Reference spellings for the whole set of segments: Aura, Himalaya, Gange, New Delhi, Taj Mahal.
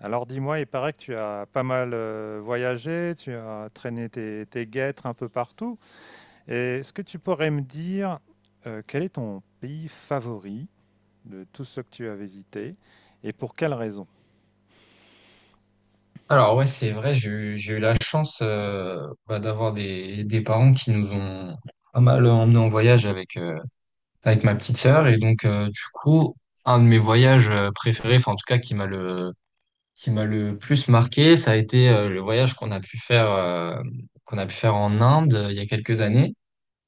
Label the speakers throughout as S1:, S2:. S1: Alors dis-moi, il paraît que tu as pas mal voyagé, tu as traîné tes guêtres un peu partout. Et est-ce que tu pourrais me dire quel est ton pays favori de tous ceux que tu as visités et pour quelle raison?
S2: Alors ouais, c'est vrai, j'ai eu la chance d'avoir des parents qui nous ont pas mal emmenés en voyage avec ma petite sœur. Et donc, du coup, un de mes voyages préférés, enfin en tout cas qui m'a le plus marqué, ça a été le voyage qu'on a pu faire en Inde il y a quelques années.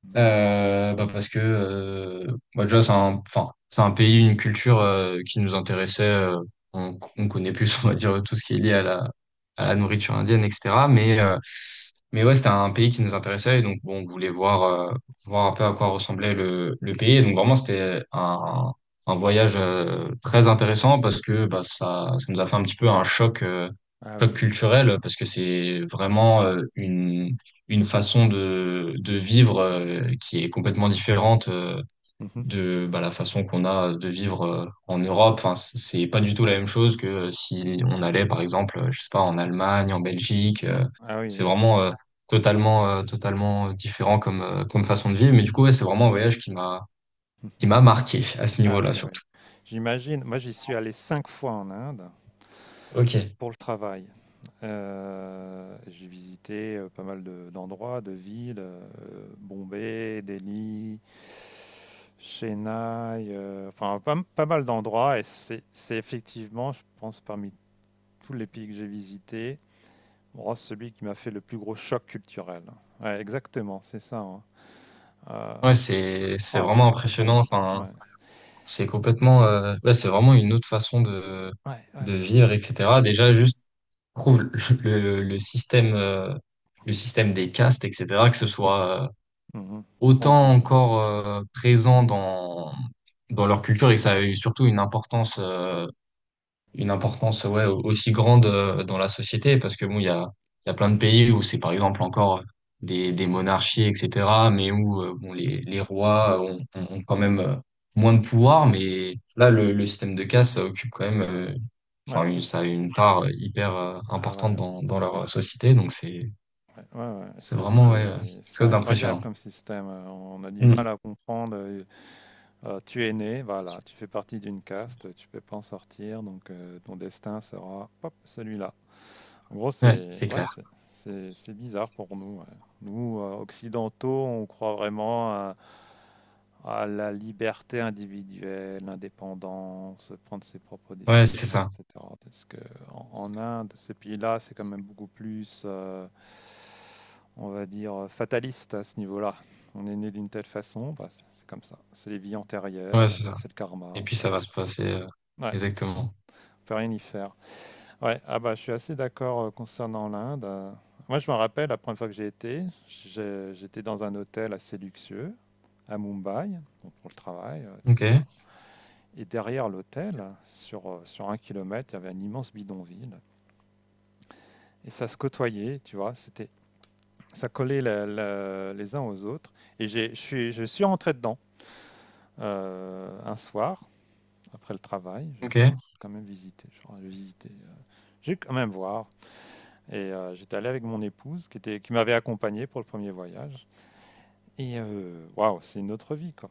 S1: Hmm.
S2: Bah parce que bah déjà c'est un pays, une culture qui nous intéressait. On connaît plus, on va dire tout ce qui est lié à la nourriture indienne, etc. Mais ouais, c'était un pays qui nous intéressait et donc bon, on voulait voir un peu à quoi ressemblait le pays. Et donc vraiment c'était un voyage très intéressant parce que bah ça nous a fait un petit peu un
S1: Ah
S2: choc
S1: oui.
S2: culturel parce que c'est vraiment une façon de vivre qui est complètement différente
S1: Mhm.
S2: de bah, la façon qu'on a de vivre en Europe. Enfin, c'est pas du tout la même chose que si on allait, par exemple, je sais pas, en Allemagne, en Belgique.
S1: Ah oui,
S2: C'est
S1: oui.
S2: vraiment totalement différent comme façon de vivre. Mais du coup, ouais, c'est vraiment un voyage qui
S1: Mhm.
S2: m'a marqué à ce
S1: Ah oui,
S2: niveau-là,
S1: oui.
S2: surtout.
S1: J'imagine. Moi, j'y suis allé cinq fois en Inde
S2: Ok.
S1: pour le travail. J'ai visité pas mal d'endroits, de villes, Bombay, Delhi, Chennai, enfin pas mal d'endroits. Et c'est effectivement, je pense, parmi tous les pays que j'ai visités, bon, celui qui m'a fait le plus gros choc culturel. Ouais, exactement, c'est ça, hein. Euh,
S2: Ouais,
S1: oh
S2: c'est
S1: là,
S2: vraiment
S1: c'est
S2: impressionnant.
S1: incroyable.
S2: Enfin,
S1: Ouais,
S2: c'est complètement, ouais, c'est vraiment une autre façon
S1: ouais, ouais.
S2: de vivre, etc. Déjà, juste trouve le, le système, euh, le système des castes, etc., que ce
S1: Mhm.
S2: soit
S1: Mhm. Je
S2: autant
S1: comprends.
S2: encore présent dans leur culture et que ça a eu surtout une importance ouais, aussi grande dans la société parce que bon, il y a plein de pays où c'est par exemple encore des monarchies, etc., mais où bon, les rois ont quand même moins de pouvoir, mais là, le système de caste, ça occupe quand même,
S1: Ouais.
S2: ça a une part hyper
S1: Ah
S2: importante
S1: ouais.
S2: dans leur société, donc
S1: Ouais, ouais,
S2: c'est vraiment ouais, quelque
S1: c'est
S2: chose
S1: incroyable
S2: d'impressionnant.
S1: comme système. On a du mal
S2: Mm.
S1: à comprendre. Tu es né, voilà, tu fais partie d'une caste, tu peux pas en sortir, donc ton destin sera hop, celui-là. En gros,
S2: Ouais,
S1: c'est
S2: c'est
S1: ouais,
S2: clair.
S1: c'est bizarre pour nous, ouais. Nous, occidentaux, on croit vraiment à, la liberté individuelle, l'indépendance, prendre ses propres
S2: Ouais, c'est
S1: décisions,
S2: ça.
S1: etc. Parce que en Inde, ces pays-là, c'est quand même beaucoup plus, on va dire, fataliste à ce niveau-là. On est né d'une telle façon, bah, c'est comme ça. C'est les vies
S2: Ouais,
S1: antérieures,
S2: c'est ça.
S1: c'est le karma.
S2: Et
S1: On
S2: puis
S1: peut,
S2: ça va se passer
S1: ouais,
S2: exactement.
S1: on peut rien y faire. Ouais, ah bah, je suis assez d'accord concernant l'Inde. Moi, je me rappelle la première fois que j'étais dans un hôtel assez luxueux à Mumbai, donc pour le travail, tout
S2: Ok,
S1: ça. Et derrière l'hôtel, sur un kilomètre, il y avait un immense bidonville. Et ça se côtoyait, tu vois, ça collait les uns aux autres. Et je suis rentré dedans un soir, après le travail. Je dis,
S2: ok.
S1: ah, je vais quand même visiter. Je vais quand même voir. Et j'étais allé avec mon épouse qui m'avait accompagné pour le premier voyage. Et waouh, c'est une autre vie, quoi.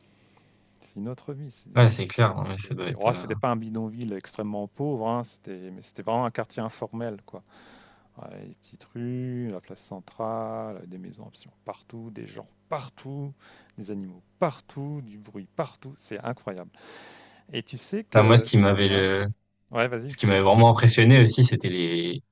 S1: C'est une autre vie.
S2: Ouais, c'est clair, ouais, ça doit être.
S1: Oh,
S2: euh,
S1: c'était pas un bidonville extrêmement pauvre, hein, mais c'était vraiment un quartier informel, quoi. Ouais, les petites rues, la place centrale, des maisons absolument partout, des gens partout, des animaux partout, du bruit partout. C'est incroyable. Et tu sais
S2: Enfin, moi,
S1: que... Ouais, ouais, vas-y.
S2: ce qui m'avait vraiment impressionné aussi, c'était les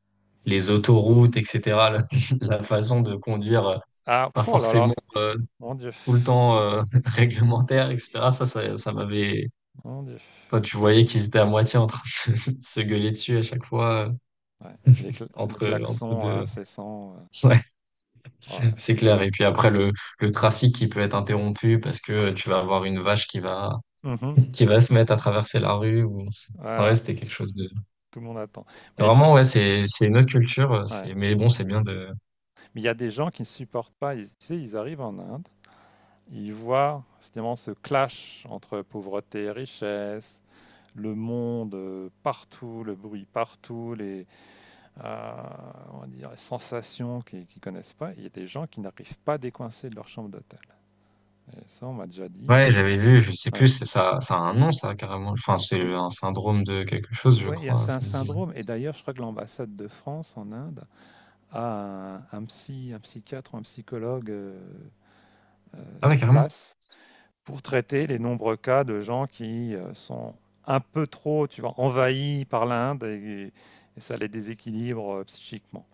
S2: les autoroutes, etc. La, la façon de conduire,
S1: Ah,
S2: pas
S1: pff, oh là là,
S2: forcément
S1: mon Dieu,
S2: tout le temps réglementaire, etc. Ça m'avait.
S1: mon Dieu.
S2: Enfin, tu voyais qu'ils étaient à moitié en train se gueuler dessus à chaque fois,
S1: Ouais, et le
S2: entre
S1: klaxon
S2: deux.
S1: incessant.
S2: Ouais,
S1: Ouais.
S2: c'est clair. Et puis après le trafic qui peut être interrompu parce que tu vas avoir une vache
S1: Mhm.
S2: qui va se mettre à traverser la rue ou. Enfin, ouais,
S1: Voilà,
S2: c'était quelque chose.
S1: tout le monde attend.
S2: C'est
S1: Mais tu...
S2: vraiment, ouais, c'est une autre culture.
S1: ouais.
S2: C'est, mais bon, c'est bien de.
S1: Mais il y a des gens qui ne supportent pas. Ils, tu sais, ils arrivent en Inde, ils voient finalement ce clash entre pauvreté et richesse, le monde partout, le bruit partout, euh, on va dire, les sensations qu'ils ne connaissent pas. Il y a des gens qui n'arrivent pas à décoincer de leur chambre d'hôtel. Et ça, on m'a déjà dit,
S2: Ouais,
S1: hein.
S2: j'avais vu, je sais
S1: Ouais.
S2: plus, c'est ça, ça a un nom, ça, carrément. Enfin, c'est
S1: Et
S2: un syndrome de quelque chose, je
S1: ouais,
S2: crois.
S1: c'est
S2: Ça
S1: un
S2: me dit...
S1: syndrome. Et d'ailleurs, je crois que l'ambassade de France en Inde a un psychiatre ou un psychologue
S2: Ah ouais,
S1: sur
S2: carrément.
S1: place pour traiter les nombreux cas de gens qui sont un peu trop, tu vois, envahis par l'Inde et, ça les déséquilibre psychiquement.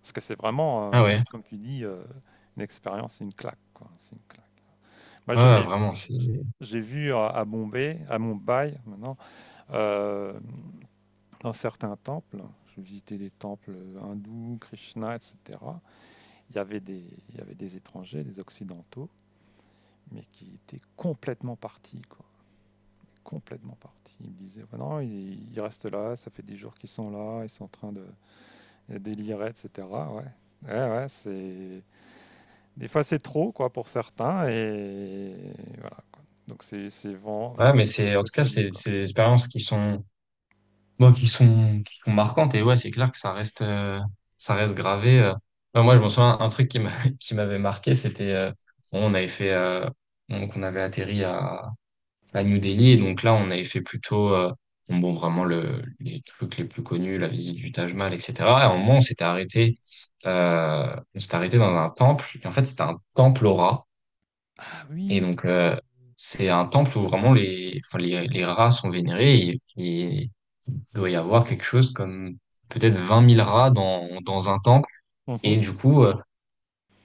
S1: Parce que c'est vraiment,
S2: Ah ouais.
S1: comme tu dis, une expérience, une claque, quoi. C'est une claque. Moi,
S2: Ouais, ouais, vraiment, c'est.
S1: j'ai vu à Bombay, à Mumbai maintenant, hem, dans certains temples, je visitais des temples, hindous, Krishna, et cetera. Il y avait des étrangers, des occidentaux, mais qui étaient complètement partis, quoi, complètement partis. Ils me disaient: «Bah non, ils restent là, ça fait des jours qu'ils sont là, ils sont en train de délirer, et cetera». Ouais. Ouais, ouais, c'est des fois, c'est trop, quoi, pour certains et voilà, quoi. Donc c'est vraiment
S2: Ouais, mais c'est, en
S1: faut
S2: tout
S1: être
S2: cas,
S1: solide, quoi.
S2: c'est des expériences qui sont, bon, qui sont marquantes. Et ouais, c'est clair que ça reste gravé. Enfin, moi, je me souviens, un truc qui m'avait marqué, c'était, bon, on avait donc, on avait atterri à New Delhi. Et donc là, on avait fait plutôt vraiment les trucs les plus connus, la visite du Taj Mahal, etc. Et à un moment, on s'était arrêté dans un temple. Et en fait, c'était un temple aux rats.
S1: Ah
S2: Et
S1: oui!
S2: donc, c'est un temple où vraiment les rats sont vénérés. Et il doit y avoir quelque chose comme peut-être 20 000 rats dans un temple. Et
S1: Mmh.
S2: du coup,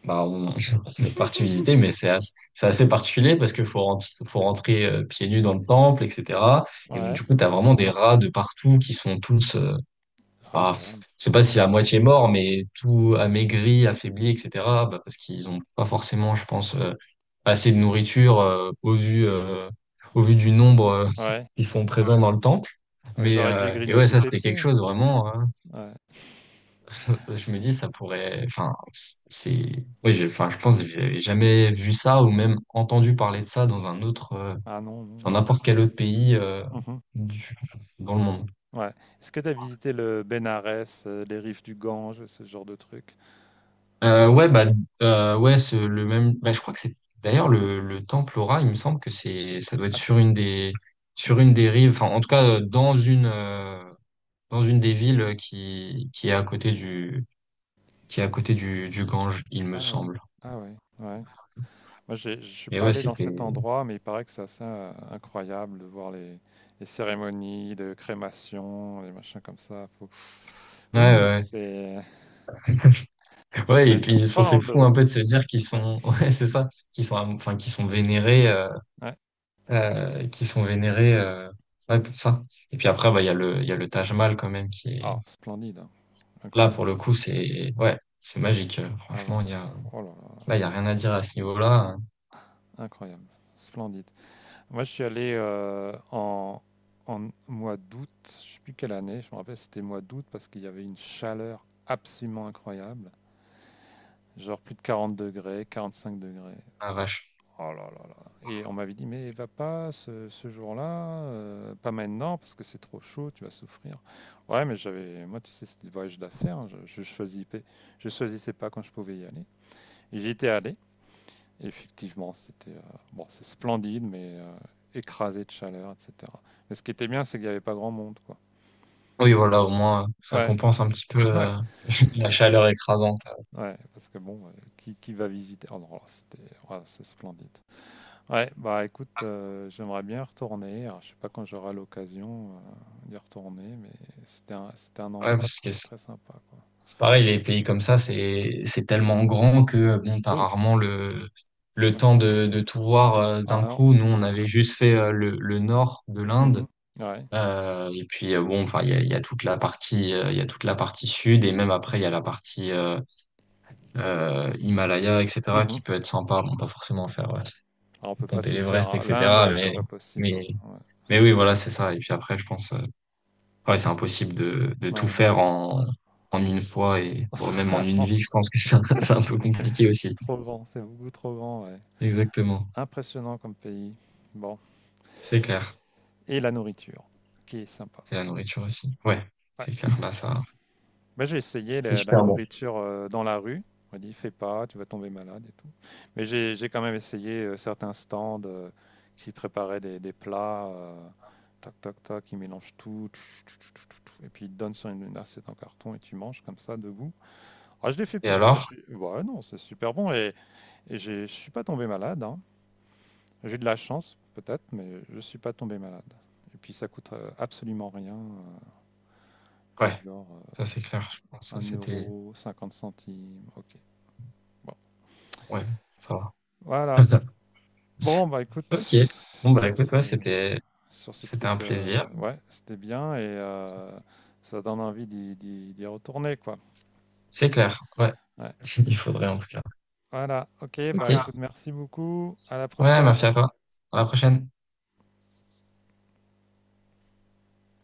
S2: bah, on, on est parti visiter, mais c'est assez particulier parce que faut rentrer pieds nus dans le temple, etc. Et donc,
S1: Ouais.
S2: du coup, t'as vraiment des rats de partout qui sont tous,
S1: Oh
S2: bah,
S1: là là.
S2: je sais pas si à moitié morts, mais tout amaigris, affaiblis, etc. Bah, parce qu'ils ont pas forcément, je pense, assez de nourriture au vu du nombre
S1: Ouais.
S2: qui sont présents dans le temple.
S1: Ah, ils
S2: Mais
S1: auraient dû
S2: euh, et ouais,
S1: grignoter
S2: ça
S1: tes
S2: c'était quelque
S1: pieds.
S2: chose vraiment.
S1: Ouais.
S2: Je me dis, ça pourrait. Enfin, c'est. Oui, enfin, je pense que j'avais jamais vu ça ou même entendu parler de ça dans un autre,
S1: Ah non,
S2: dans
S1: non, ouais.
S2: n'importe quel autre pays
S1: Mmh.
S2: du- dans le monde.
S1: Ouais. Est-ce que tu as visité le Bénarès, les rives du Gange, ce genre de truc?
S2: Euh,
S1: Non?
S2: ouais, bah, ouais, le même. Bah, je crois que c'est d'ailleurs le temple Aura. Il me semble que c'est, ça doit être
S1: Ah, c'est
S2: sur sur
S1: d'acc
S2: une des rives. Enfin, en tout cas, dans une des villes qui est à côté du, qui est à côté du Gange, il me
S1: ah ouais.
S2: semble.
S1: Ah ouais, ouais. Moi, je suis
S2: Et
S1: pas
S2: ouais,
S1: allé dans
S2: c'était.
S1: cet
S2: Ouais,
S1: endroit, mais il paraît que c'est assez incroyable de voir les cérémonies de crémation, les machins comme ça. Faut...
S2: ouais.
S1: Ouh,
S2: Ouais.
S1: c'est,
S2: Ouais, et
S1: ça
S2: puis
S1: fait
S2: je
S1: pas
S2: trouve
S1: dans
S2: c'est
S1: le
S2: fou
S1: dos.
S2: un peu de se dire qu'ils
S1: Ouais.
S2: sont, ouais, c'est ça, enfin,
S1: Ouais.
S2: qu'ils sont vénérés, ouais, pour ça. Et puis après, bah, il y a le Taj Mahal quand même qui
S1: Oh,
S2: est
S1: splendide, hein.
S2: là pour le
S1: Incroyable.
S2: coup, c'est, ouais, c'est magique.
S1: Ah ouais.
S2: Franchement,
S1: Oh là
S2: là, il y a rien à dire à ce niveau-là, hein.
S1: là, incroyable, splendide. Moi, je suis allé en mois d'août, je sais plus quelle année. Je me rappelle, c'était mois d'août parce qu'il y avait une chaleur absolument incroyable, genre plus de 40 degrés, 45 degrés.
S2: Ah, vache.
S1: Oh là là là. Et on m'avait dit, mais va pas ce jour-là, pas maintenant, parce que c'est trop chaud, tu vas souffrir. Ouais, mais j'avais, moi, tu sais, c'était des voyages d'affaires, hein, je choisissais pas quand je pouvais y aller. Et j'y étais allé, et effectivement, bon, c'est splendide, mais écrasé de chaleur, etc. Mais ce qui était bien, c'est qu'il n'y avait pas grand monde, quoi.
S2: Oui, voilà, au moins, ça
S1: Ouais,
S2: compense un petit peu
S1: ouais,
S2: la chaleur écrasante.
S1: ouais, parce que bon, qui va visiter? Oh non, là, ouais, c'est splendide. Ouais, bah écoute, j'aimerais bien y retourner. Alors, je sais pas quand j'aurai l'occasion d'y retourner, mais c'était un
S2: Ouais,
S1: endroit
S2: parce que
S1: très, très sympa, quoi.
S2: c'est pareil, les pays comme ça, c'est tellement grand que bon, t'as
S1: Oui,
S2: rarement le
S1: ouais.
S2: temps de tout voir
S1: Ah
S2: d'un
S1: non.
S2: coup. Nous, on avait juste fait le nord de l'Inde.
S1: Mhm. Ouais.
S2: Et puis Bon, enfin, il y a il y a toute la partie sud et même après, il y a la partie Himalaya, etc.,
S1: Mhm.
S2: qui peut être sympa. Bon, pas forcément faire
S1: Ah, on peut pas
S2: monter
S1: tout faire,
S2: l'Everest,
S1: hein. L'Inde,
S2: etc.
S1: c'est
S2: Mais
S1: pas possible,
S2: mais
S1: hein. Ouais.
S2: mais oui, voilà, c'est ça. Et puis après, je pense. Ouais,
S1: Ouais,
S2: c'est impossible de
S1: ouais,
S2: tout
S1: ouais.
S2: faire en une fois et voire même en
S1: Ah
S2: une
S1: non,
S2: vie. Je pense que c'est un, c'est un peu compliqué
S1: c'est
S2: aussi.
S1: trop grand, c'est beaucoup trop grand, ouais.
S2: Exactement.
S1: Impressionnant comme pays. Bon,
S2: C'est clair.
S1: et la nourriture, qui est sympa
S2: Et la
S1: aussi.
S2: nourriture aussi. Ouais, c'est clair. Là, ça,
S1: Moi, j'ai essayé
S2: c'est
S1: la
S2: super bon.
S1: nourriture dans la rue. On m'a dit, fais pas, tu vas tomber malade et tout. Mais j'ai quand même essayé certains stands qui préparaient des plats, tac, tac, tac, ils mélangent tout, tch, tch, tch, tch, tch, tch, et puis ils te donnent sur une assiette en carton et tu manges comme ça, debout. Ah, je l'ai fait
S2: Et
S1: plusieurs fois.
S2: alors?
S1: Ouais, non, c'est super bon et, je suis pas tombé malade, hein. J'ai de la chance, peut-être, mais je suis pas tombé malade. Et puis ça coûte absolument rien, du
S2: Ouais,
S1: genre
S2: ça, c'est clair. Je pense que
S1: 1
S2: c'était,
S1: euro, 50 centimes, ok. Bon,
S2: ouais, ça va.
S1: voilà. Bon, bah écoute,
S2: Ok. Bon, bah,
S1: sur
S2: écoute,
S1: ce,
S2: ouais,
S1: sur ces
S2: c'était un
S1: trucs,
S2: plaisir.
S1: ouais, c'était bien et ça donne envie d'y d'y retourner, quoi.
S2: C'est clair. Ouais.
S1: Ouais.
S2: Il faudrait en tout cas.
S1: Voilà, ok,
S2: Ok.
S1: bah
S2: Voilà.
S1: écoute, merci beaucoup, à la
S2: Ouais,
S1: prochaine.
S2: merci à toi. À la prochaine.